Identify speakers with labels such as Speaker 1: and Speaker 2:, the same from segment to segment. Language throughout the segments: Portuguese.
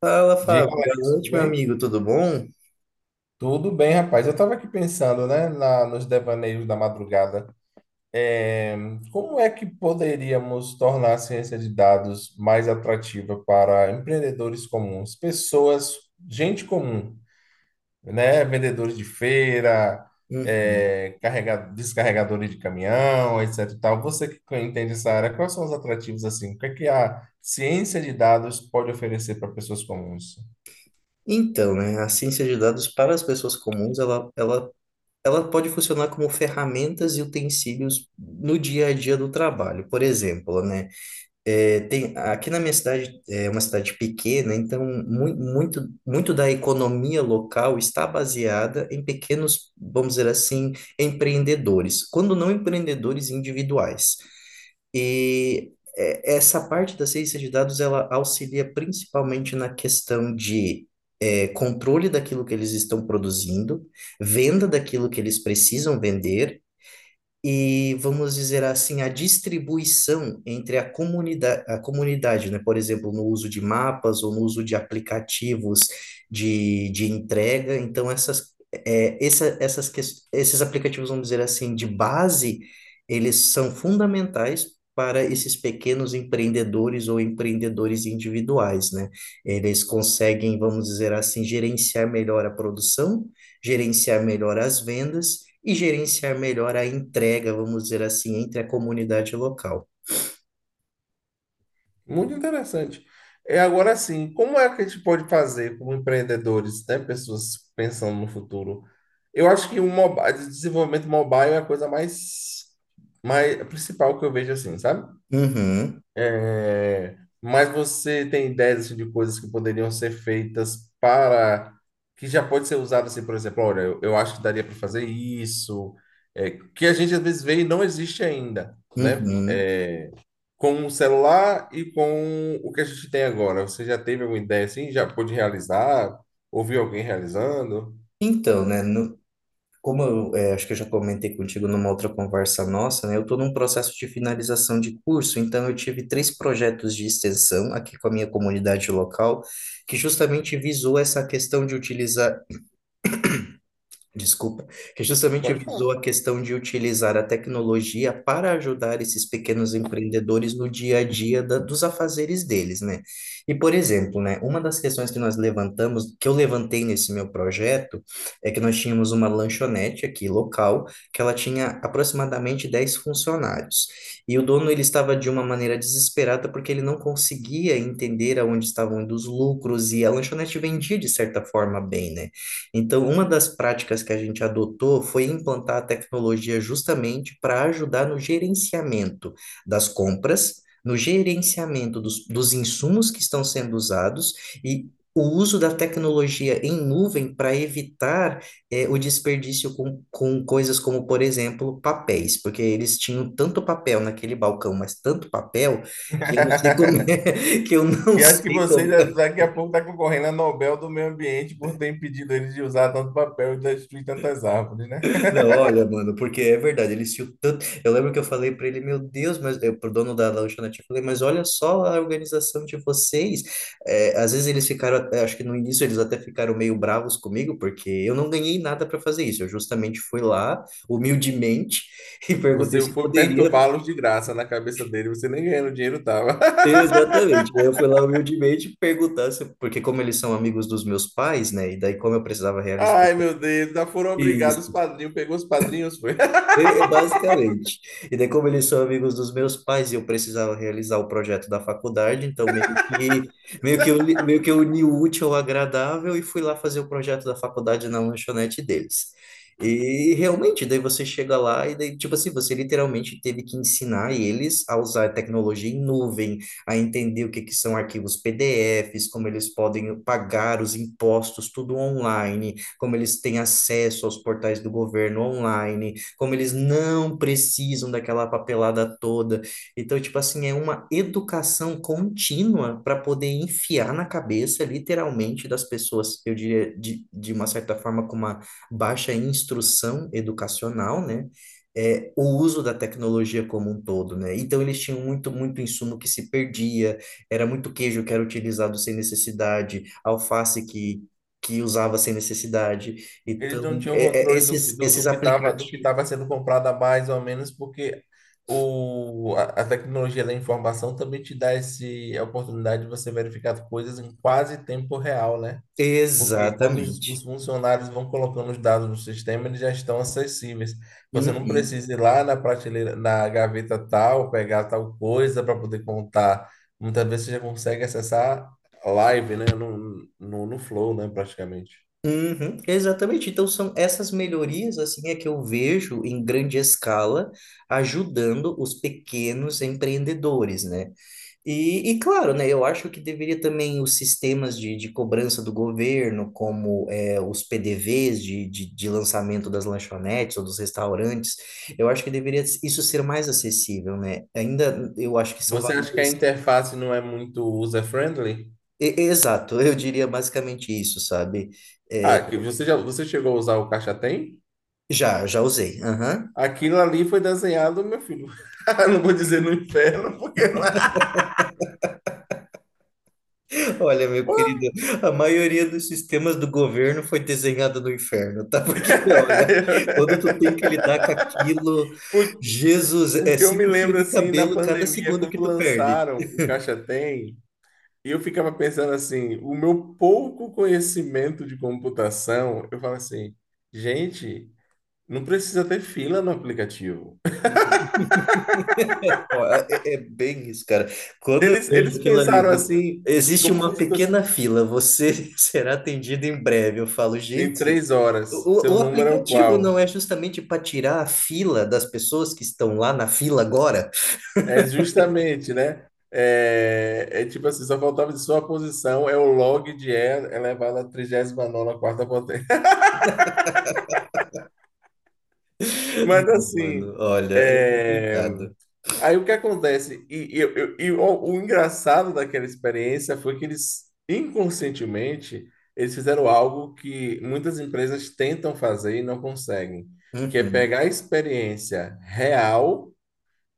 Speaker 1: Fala, Fábio.
Speaker 2: Diga,
Speaker 1: Boa
Speaker 2: Alex, tudo
Speaker 1: noite, meu
Speaker 2: bem?
Speaker 1: amigo. Tudo bom?
Speaker 2: Tudo bem, rapaz. Eu estava aqui pensando, né, nos devaneios da madrugada. É, Como é que poderíamos tornar a ciência de dados mais atrativa para empreendedores comuns, pessoas, gente comum, né? Vendedores de feira,
Speaker 1: Uhum.
Speaker 2: descarregadores de caminhão, etc. e tal. Você que entende essa área, quais são os atrativos assim? O que é que a ciência de dados pode oferecer para pessoas comuns?
Speaker 1: Então, né, a ciência de dados para as pessoas comuns, ela pode funcionar como ferramentas e utensílios no dia a dia do trabalho. Por exemplo, né, tem, aqui na minha cidade é uma cidade pequena, então muito da economia local está baseada em pequenos, vamos dizer assim, empreendedores, quando não empreendedores individuais. E essa parte da ciência de dados ela auxilia principalmente na questão de controle daquilo que eles estão produzindo, venda daquilo que eles precisam vender e, vamos dizer assim, a distribuição entre a comunidade, né? Por exemplo, no uso de mapas ou no uso de aplicativos de entrega. Então, essas, é, essa, essas, ques- esses aplicativos, vamos dizer assim, de base, eles são fundamentais. Para esses pequenos empreendedores ou empreendedores individuais, né? Eles conseguem, vamos dizer assim, gerenciar melhor a produção, gerenciar melhor as vendas e gerenciar melhor a entrega, vamos dizer assim, entre a comunidade local.
Speaker 2: Muito interessante. É, agora assim, como é que a gente pode fazer como empreendedores, né, pessoas pensando no futuro? Eu acho que o desenvolvimento mobile é a coisa mais, mais principal que eu vejo assim, sabe?
Speaker 1: Uhum,
Speaker 2: É, mas você tem ideias assim, de coisas que poderiam ser feitas para que já pode ser usado assim, por exemplo, olha, eu acho que daria para fazer isso, é, que a gente às vezes vê e não existe ainda, né?
Speaker 1: uhum.
Speaker 2: É, com o celular e com o que a gente tem agora. Você já teve alguma ideia assim? Já pôde realizar? Ouviu alguém realizando?
Speaker 1: Então, né, como eu acho que eu já comentei contigo numa outra conversa nossa, né, eu estou num processo de finalização de curso, então eu tive três projetos de extensão aqui com a minha comunidade local, que justamente visou essa questão de utilizar. Desculpa, que justamente
Speaker 2: Pode falar.
Speaker 1: visou a questão de utilizar a tecnologia para ajudar esses pequenos empreendedores no dia a dia dos afazeres deles, né? E, por exemplo, né, uma das questões que nós levantamos, que eu levantei nesse meu projeto, é que nós tínhamos uma lanchonete aqui local, que ela tinha aproximadamente 10 funcionários. E o dono, ele estava de uma maneira desesperada porque ele não conseguia entender aonde estavam indo os lucros, e a lanchonete vendia de certa forma bem, né? Então, uma das práticas que a gente adotou foi implantar a tecnologia justamente para ajudar no gerenciamento das compras, no gerenciamento dos insumos que estão sendo usados e o uso da tecnologia em nuvem para evitar o desperdício com coisas como, por exemplo, papéis, porque eles tinham tanto papel naquele balcão, mas tanto papel que eu não sei como que eu não
Speaker 2: E acho que
Speaker 1: sei como.
Speaker 2: daqui a pouco está concorrendo a Nobel do Meio Ambiente por ter impedido eles de usar tanto papel e destruir tantas árvores, né?
Speaker 1: Não, olha, mano, porque é verdade, ele se tanto. Eu lembro que eu falei pra ele, meu Deus, mas eu, pro dono da lanchonete, eu falei, mas olha só a organização de vocês. É, às vezes eles acho que no início eles até ficaram meio bravos comigo, porque eu não ganhei nada pra fazer isso. Eu justamente fui lá, humildemente, e perguntei
Speaker 2: Você
Speaker 1: se
Speaker 2: foi
Speaker 1: poderia.
Speaker 2: perturbá-los de graça na cabeça dele, você nem ganhando dinheiro tava.
Speaker 1: Exatamente. Daí eu fui lá humildemente perguntar se, porque como eles são amigos dos meus pais, né? E daí como eu precisava realizar
Speaker 2: Ai, meu Deus, já foram obrigados os
Speaker 1: isso.
Speaker 2: padrinhos, pegou os padrinhos, foi.
Speaker 1: É, basicamente. E daí, como eles são amigos dos meus pais e eu precisava realizar o projeto da faculdade, então meio que eu uni o útil ao agradável e fui lá fazer o projeto da faculdade na lanchonete deles. E realmente, daí você chega lá e daí, tipo assim, você literalmente teve que ensinar eles a usar tecnologia em nuvem, a entender o que que são arquivos PDFs, como eles podem pagar os impostos, tudo online, como eles têm acesso aos portais do governo online, como eles não precisam daquela papelada toda. Então, tipo assim, é uma educação contínua para poder enfiar na cabeça, literalmente, das pessoas, eu diria, de uma certa forma, com uma baixa instrução educacional, né? É, o uso da tecnologia como um todo, né? Então eles tinham muito insumo que se perdia, era muito queijo que era utilizado sem necessidade, alface que usava sem necessidade.
Speaker 2: Eles
Speaker 1: Então,
Speaker 2: não tinham controle
Speaker 1: esses
Speaker 2: do que
Speaker 1: aplicativos.
Speaker 2: estava sendo comprado a mais ou menos, porque a tecnologia da informação também te dá esse, a oportunidade de você verificar coisas em quase tempo real, né? Porque quando os
Speaker 1: Exatamente.
Speaker 2: funcionários vão colocando os dados no sistema, eles já estão acessíveis. Você não
Speaker 1: Uhum,
Speaker 2: precisa ir lá na prateleira, na gaveta tal, pegar tal coisa para poder contar. Muitas vezes você já consegue acessar live, né? No Flow, né? Praticamente.
Speaker 1: uhum, exatamente. Então são essas melhorias assim é que eu vejo em grande escala ajudando os pequenos empreendedores, né? E claro, né, eu acho que deveria também os sistemas de cobrança do governo, como é, os PDVs de lançamento das lanchonetes ou dos restaurantes, eu acho que deveria isso ser mais acessível, né? Ainda eu acho que são
Speaker 2: Você acha que a
Speaker 1: valores.
Speaker 2: interface não é muito user-friendly?
Speaker 1: Exato, eu diria basicamente isso, sabe?
Speaker 2: Ah,
Speaker 1: É,
Speaker 2: que você já, você chegou a usar o Caixa Tem?
Speaker 1: já usei. Aham.
Speaker 2: Aquilo ali foi desenhado, meu filho. Não vou dizer no inferno, porque lá.
Speaker 1: Olha, meu querido, a maioria dos sistemas do governo foi desenhada no inferno, tá? Porque, olha, quando tu tem que lidar com aquilo,
Speaker 2: Por-
Speaker 1: Jesus, é
Speaker 2: Porque eu me
Speaker 1: cinco fios
Speaker 2: lembro
Speaker 1: de
Speaker 2: assim, na
Speaker 1: cabelo cada
Speaker 2: pandemia,
Speaker 1: segundo que
Speaker 2: quando
Speaker 1: tu perde.
Speaker 2: lançaram o Caixa Tem, e eu ficava pensando assim, o meu pouco conhecimento de computação, eu falo assim, gente, não precisa ter fila no aplicativo.
Speaker 1: Ó, é, é bem isso, cara. Quando eu vejo
Speaker 2: Eles
Speaker 1: aquilo ali,
Speaker 2: pensaram assim,
Speaker 1: existe
Speaker 2: como
Speaker 1: uma
Speaker 2: se
Speaker 1: pequena
Speaker 2: fosse.
Speaker 1: fila, você será atendido em breve. Eu falo,
Speaker 2: Em
Speaker 1: gente.
Speaker 2: três horas. Seu
Speaker 1: O
Speaker 2: número é o
Speaker 1: aplicativo não
Speaker 2: qual?
Speaker 1: é justamente para tirar a fila das pessoas que estão lá na fila agora?
Speaker 2: É justamente, né? É, é tipo assim, só faltava de sua posição, é o log de E elevado à 39 nona quarta potência. Mas
Speaker 1: Não, mano,
Speaker 2: assim,
Speaker 1: olha, é
Speaker 2: é,
Speaker 1: complicado.
Speaker 2: aí o que acontece? O engraçado daquela experiência foi que eles, inconscientemente, eles fizeram algo que muitas empresas tentam fazer e não conseguem, que é
Speaker 1: Uhum,
Speaker 2: pegar a experiência real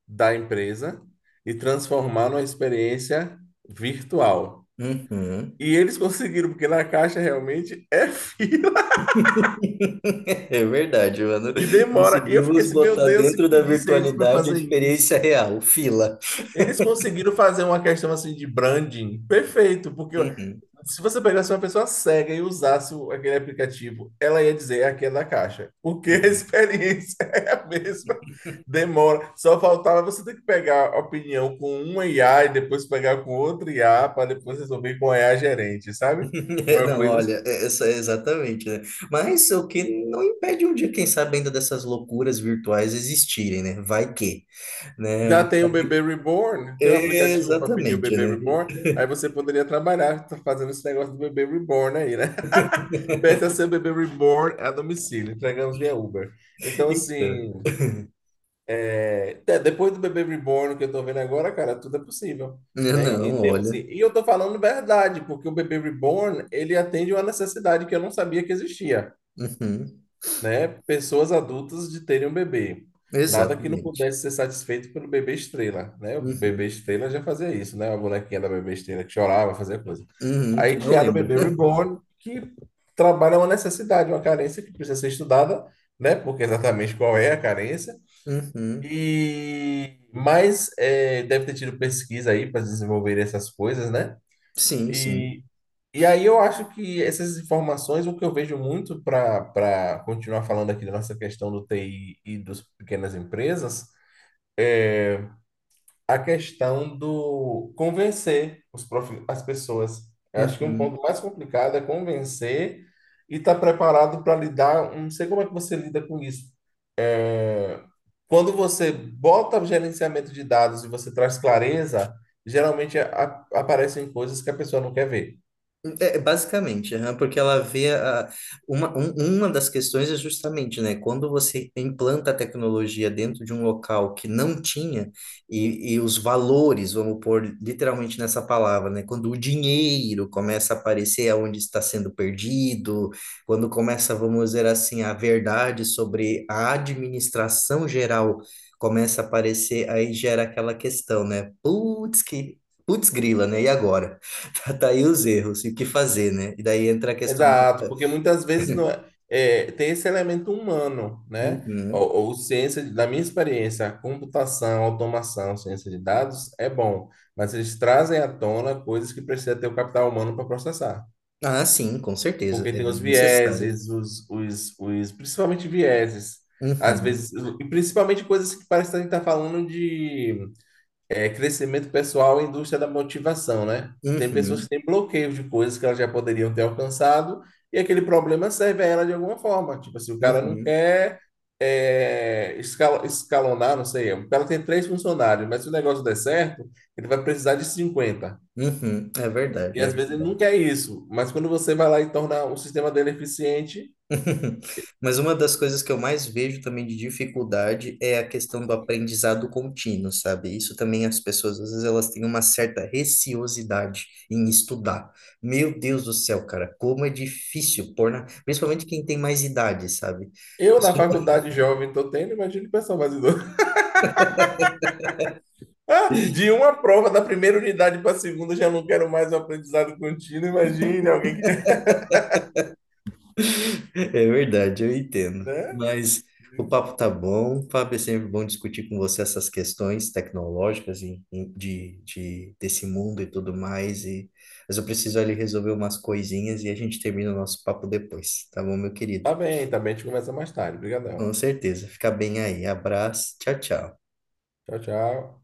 Speaker 2: da empresa e transformar numa experiência virtual.
Speaker 1: uhum.
Speaker 2: E eles conseguiram, porque na caixa realmente é fila
Speaker 1: É verdade, mano.
Speaker 2: e demora. E eu fiquei
Speaker 1: Conseguimos
Speaker 2: assim, meu
Speaker 1: botar
Speaker 2: Deus,
Speaker 1: dentro
Speaker 2: se
Speaker 1: da
Speaker 2: pedisse a eles para
Speaker 1: virtualidade a
Speaker 2: fazer
Speaker 1: experiência
Speaker 2: isso,
Speaker 1: real, fila.
Speaker 2: eles conseguiram fazer uma questão assim de branding perfeito, porque
Speaker 1: Uhum,
Speaker 2: se você pegasse uma pessoa cega e usasse aquele aplicativo, ela ia dizer: "É aquele da caixa, porque a
Speaker 1: uhum.
Speaker 2: experiência é a mesma." Demora, só faltava você ter que pegar a opinião com uma IA e depois pegar com outra IA para depois resolver com a IA gerente, sabe? Uma
Speaker 1: Não,
Speaker 2: coisa assim.
Speaker 1: olha, essa é exatamente, né? Mas o que não impede um dia, quem sabe, ainda dessas loucuras virtuais existirem, né? Vai que, né? A
Speaker 2: Já
Speaker 1: gente
Speaker 2: tem o
Speaker 1: sabe.
Speaker 2: Bebê Reborn, tem um aplicativo para pedir o
Speaker 1: Exatamente,
Speaker 2: Bebê
Speaker 1: né?
Speaker 2: Reborn, aí você poderia trabalhar tá fazendo esse negócio do Bebê Reborn aí, né? Peça seu bebê reborn é a domicílio. Entregamos via Uber. Então,
Speaker 1: Então,
Speaker 2: assim, é, tá, depois do bebê reborn que eu tô vendo agora, cara, tudo é possível,
Speaker 1: né,
Speaker 2: né? Em
Speaker 1: não,
Speaker 2: termos assim,
Speaker 1: olha.
Speaker 2: e eu tô falando verdade, porque o bebê reborn, ele atende uma necessidade que eu não sabia que existia,
Speaker 1: Uhum,
Speaker 2: né, pessoas adultas de terem um bebê. Nada que não
Speaker 1: exatamente.
Speaker 2: pudesse ser satisfeito pelo bebê estrela, né? O bebê
Speaker 1: Uhum,
Speaker 2: estrela já fazia isso, né? A bonequinha da bebê estrela que chorava, fazia coisa.
Speaker 1: uhum,
Speaker 2: Aí
Speaker 1: quem não
Speaker 2: criaram o
Speaker 1: lembra?
Speaker 2: bebê reborn, que trabalha uma necessidade, uma carência que precisa ser estudada, né? Porque exatamente qual é a carência.
Speaker 1: Uhum,
Speaker 2: E mas é, deve ter tido pesquisa aí para desenvolver essas coisas, né?
Speaker 1: sim, sim.
Speaker 2: E e aí eu acho que essas informações, o que eu vejo muito para continuar falando aqui da nossa questão do TI e das pequenas empresas, a questão do convencer as pessoas. Eu acho que um
Speaker 1: Uhum.
Speaker 2: ponto mais complicado é convencer e estar preparado para lidar. Não sei como é que você lida com isso. Quando você bota gerenciamento de dados e você traz clareza, geralmente aparecem coisas que a pessoa não quer ver.
Speaker 1: Basicamente, aham, porque ela vê a, uma das questões é justamente, né, quando você implanta a tecnologia dentro de um local que não tinha, e os valores, vamos pôr literalmente nessa palavra, né, quando o dinheiro começa a aparecer aonde está sendo perdido, quando começa, vamos dizer assim, a verdade sobre a administração geral começa a aparecer, aí gera aquela questão, né, putz grila, né, e agora? Tá aí os erros e o que fazer, né? E daí entra a questão do.
Speaker 2: Exato, porque muitas vezes não é, é, tem esse elemento humano, né?
Speaker 1: Uhum.
Speaker 2: Ou ciência, da minha experiência, a computação, automação, ciência de dados é bom, mas eles trazem à tona coisas que precisa ter o capital humano para processar,
Speaker 1: Ah, sim, com certeza,
Speaker 2: porque
Speaker 1: é
Speaker 2: tem os
Speaker 1: necessário.
Speaker 2: vieses, principalmente vieses, às
Speaker 1: Uhum,
Speaker 2: vezes, e principalmente coisas que parece que a gente está falando de é crescimento pessoal e indústria da motivação, né? Tem pessoas
Speaker 1: uhum,
Speaker 2: que têm bloqueios de coisas que elas já poderiam ter alcançado e aquele problema serve a ela de alguma forma. Tipo assim, o cara não
Speaker 1: uhum,
Speaker 2: quer escalonar, não sei, o cara tem 3 funcionários, mas se o negócio der certo, ele vai precisar de 50.
Speaker 1: uhum. É
Speaker 2: E
Speaker 1: verdade, é
Speaker 2: às vezes ele não
Speaker 1: verdade.
Speaker 2: quer isso, mas quando você vai lá e torna o sistema dele eficiente,
Speaker 1: Mas uma das coisas que eu mais vejo também de dificuldade é a questão do aprendizado contínuo, sabe? Isso também as pessoas, às vezes, elas têm uma certa receosidade em estudar. Meu Deus do céu, cara, como é difícil pôr na... Principalmente quem tem mais idade, sabe?
Speaker 2: eu na faculdade jovem estou tendo, imagina o pessoal mais idoso. Ah, de uma prova da primeira unidade para a segunda, já não quero mais o aprendizado contínuo. Imagine alguém que.
Speaker 1: É verdade, eu entendo.
Speaker 2: Né?
Speaker 1: Mas o papo tá bom. Fábio, é sempre bom discutir com você essas questões tecnológicas e, desse mundo e tudo mais. E, mas eu preciso ali resolver umas coisinhas e a gente termina o nosso papo depois, tá bom, meu querido?
Speaker 2: Tá bem, tá bem. A gente começa mais tarde. Obrigadão.
Speaker 1: Com certeza. Fica bem aí. Abraço. Tchau, tchau.
Speaker 2: Tchau, tchau.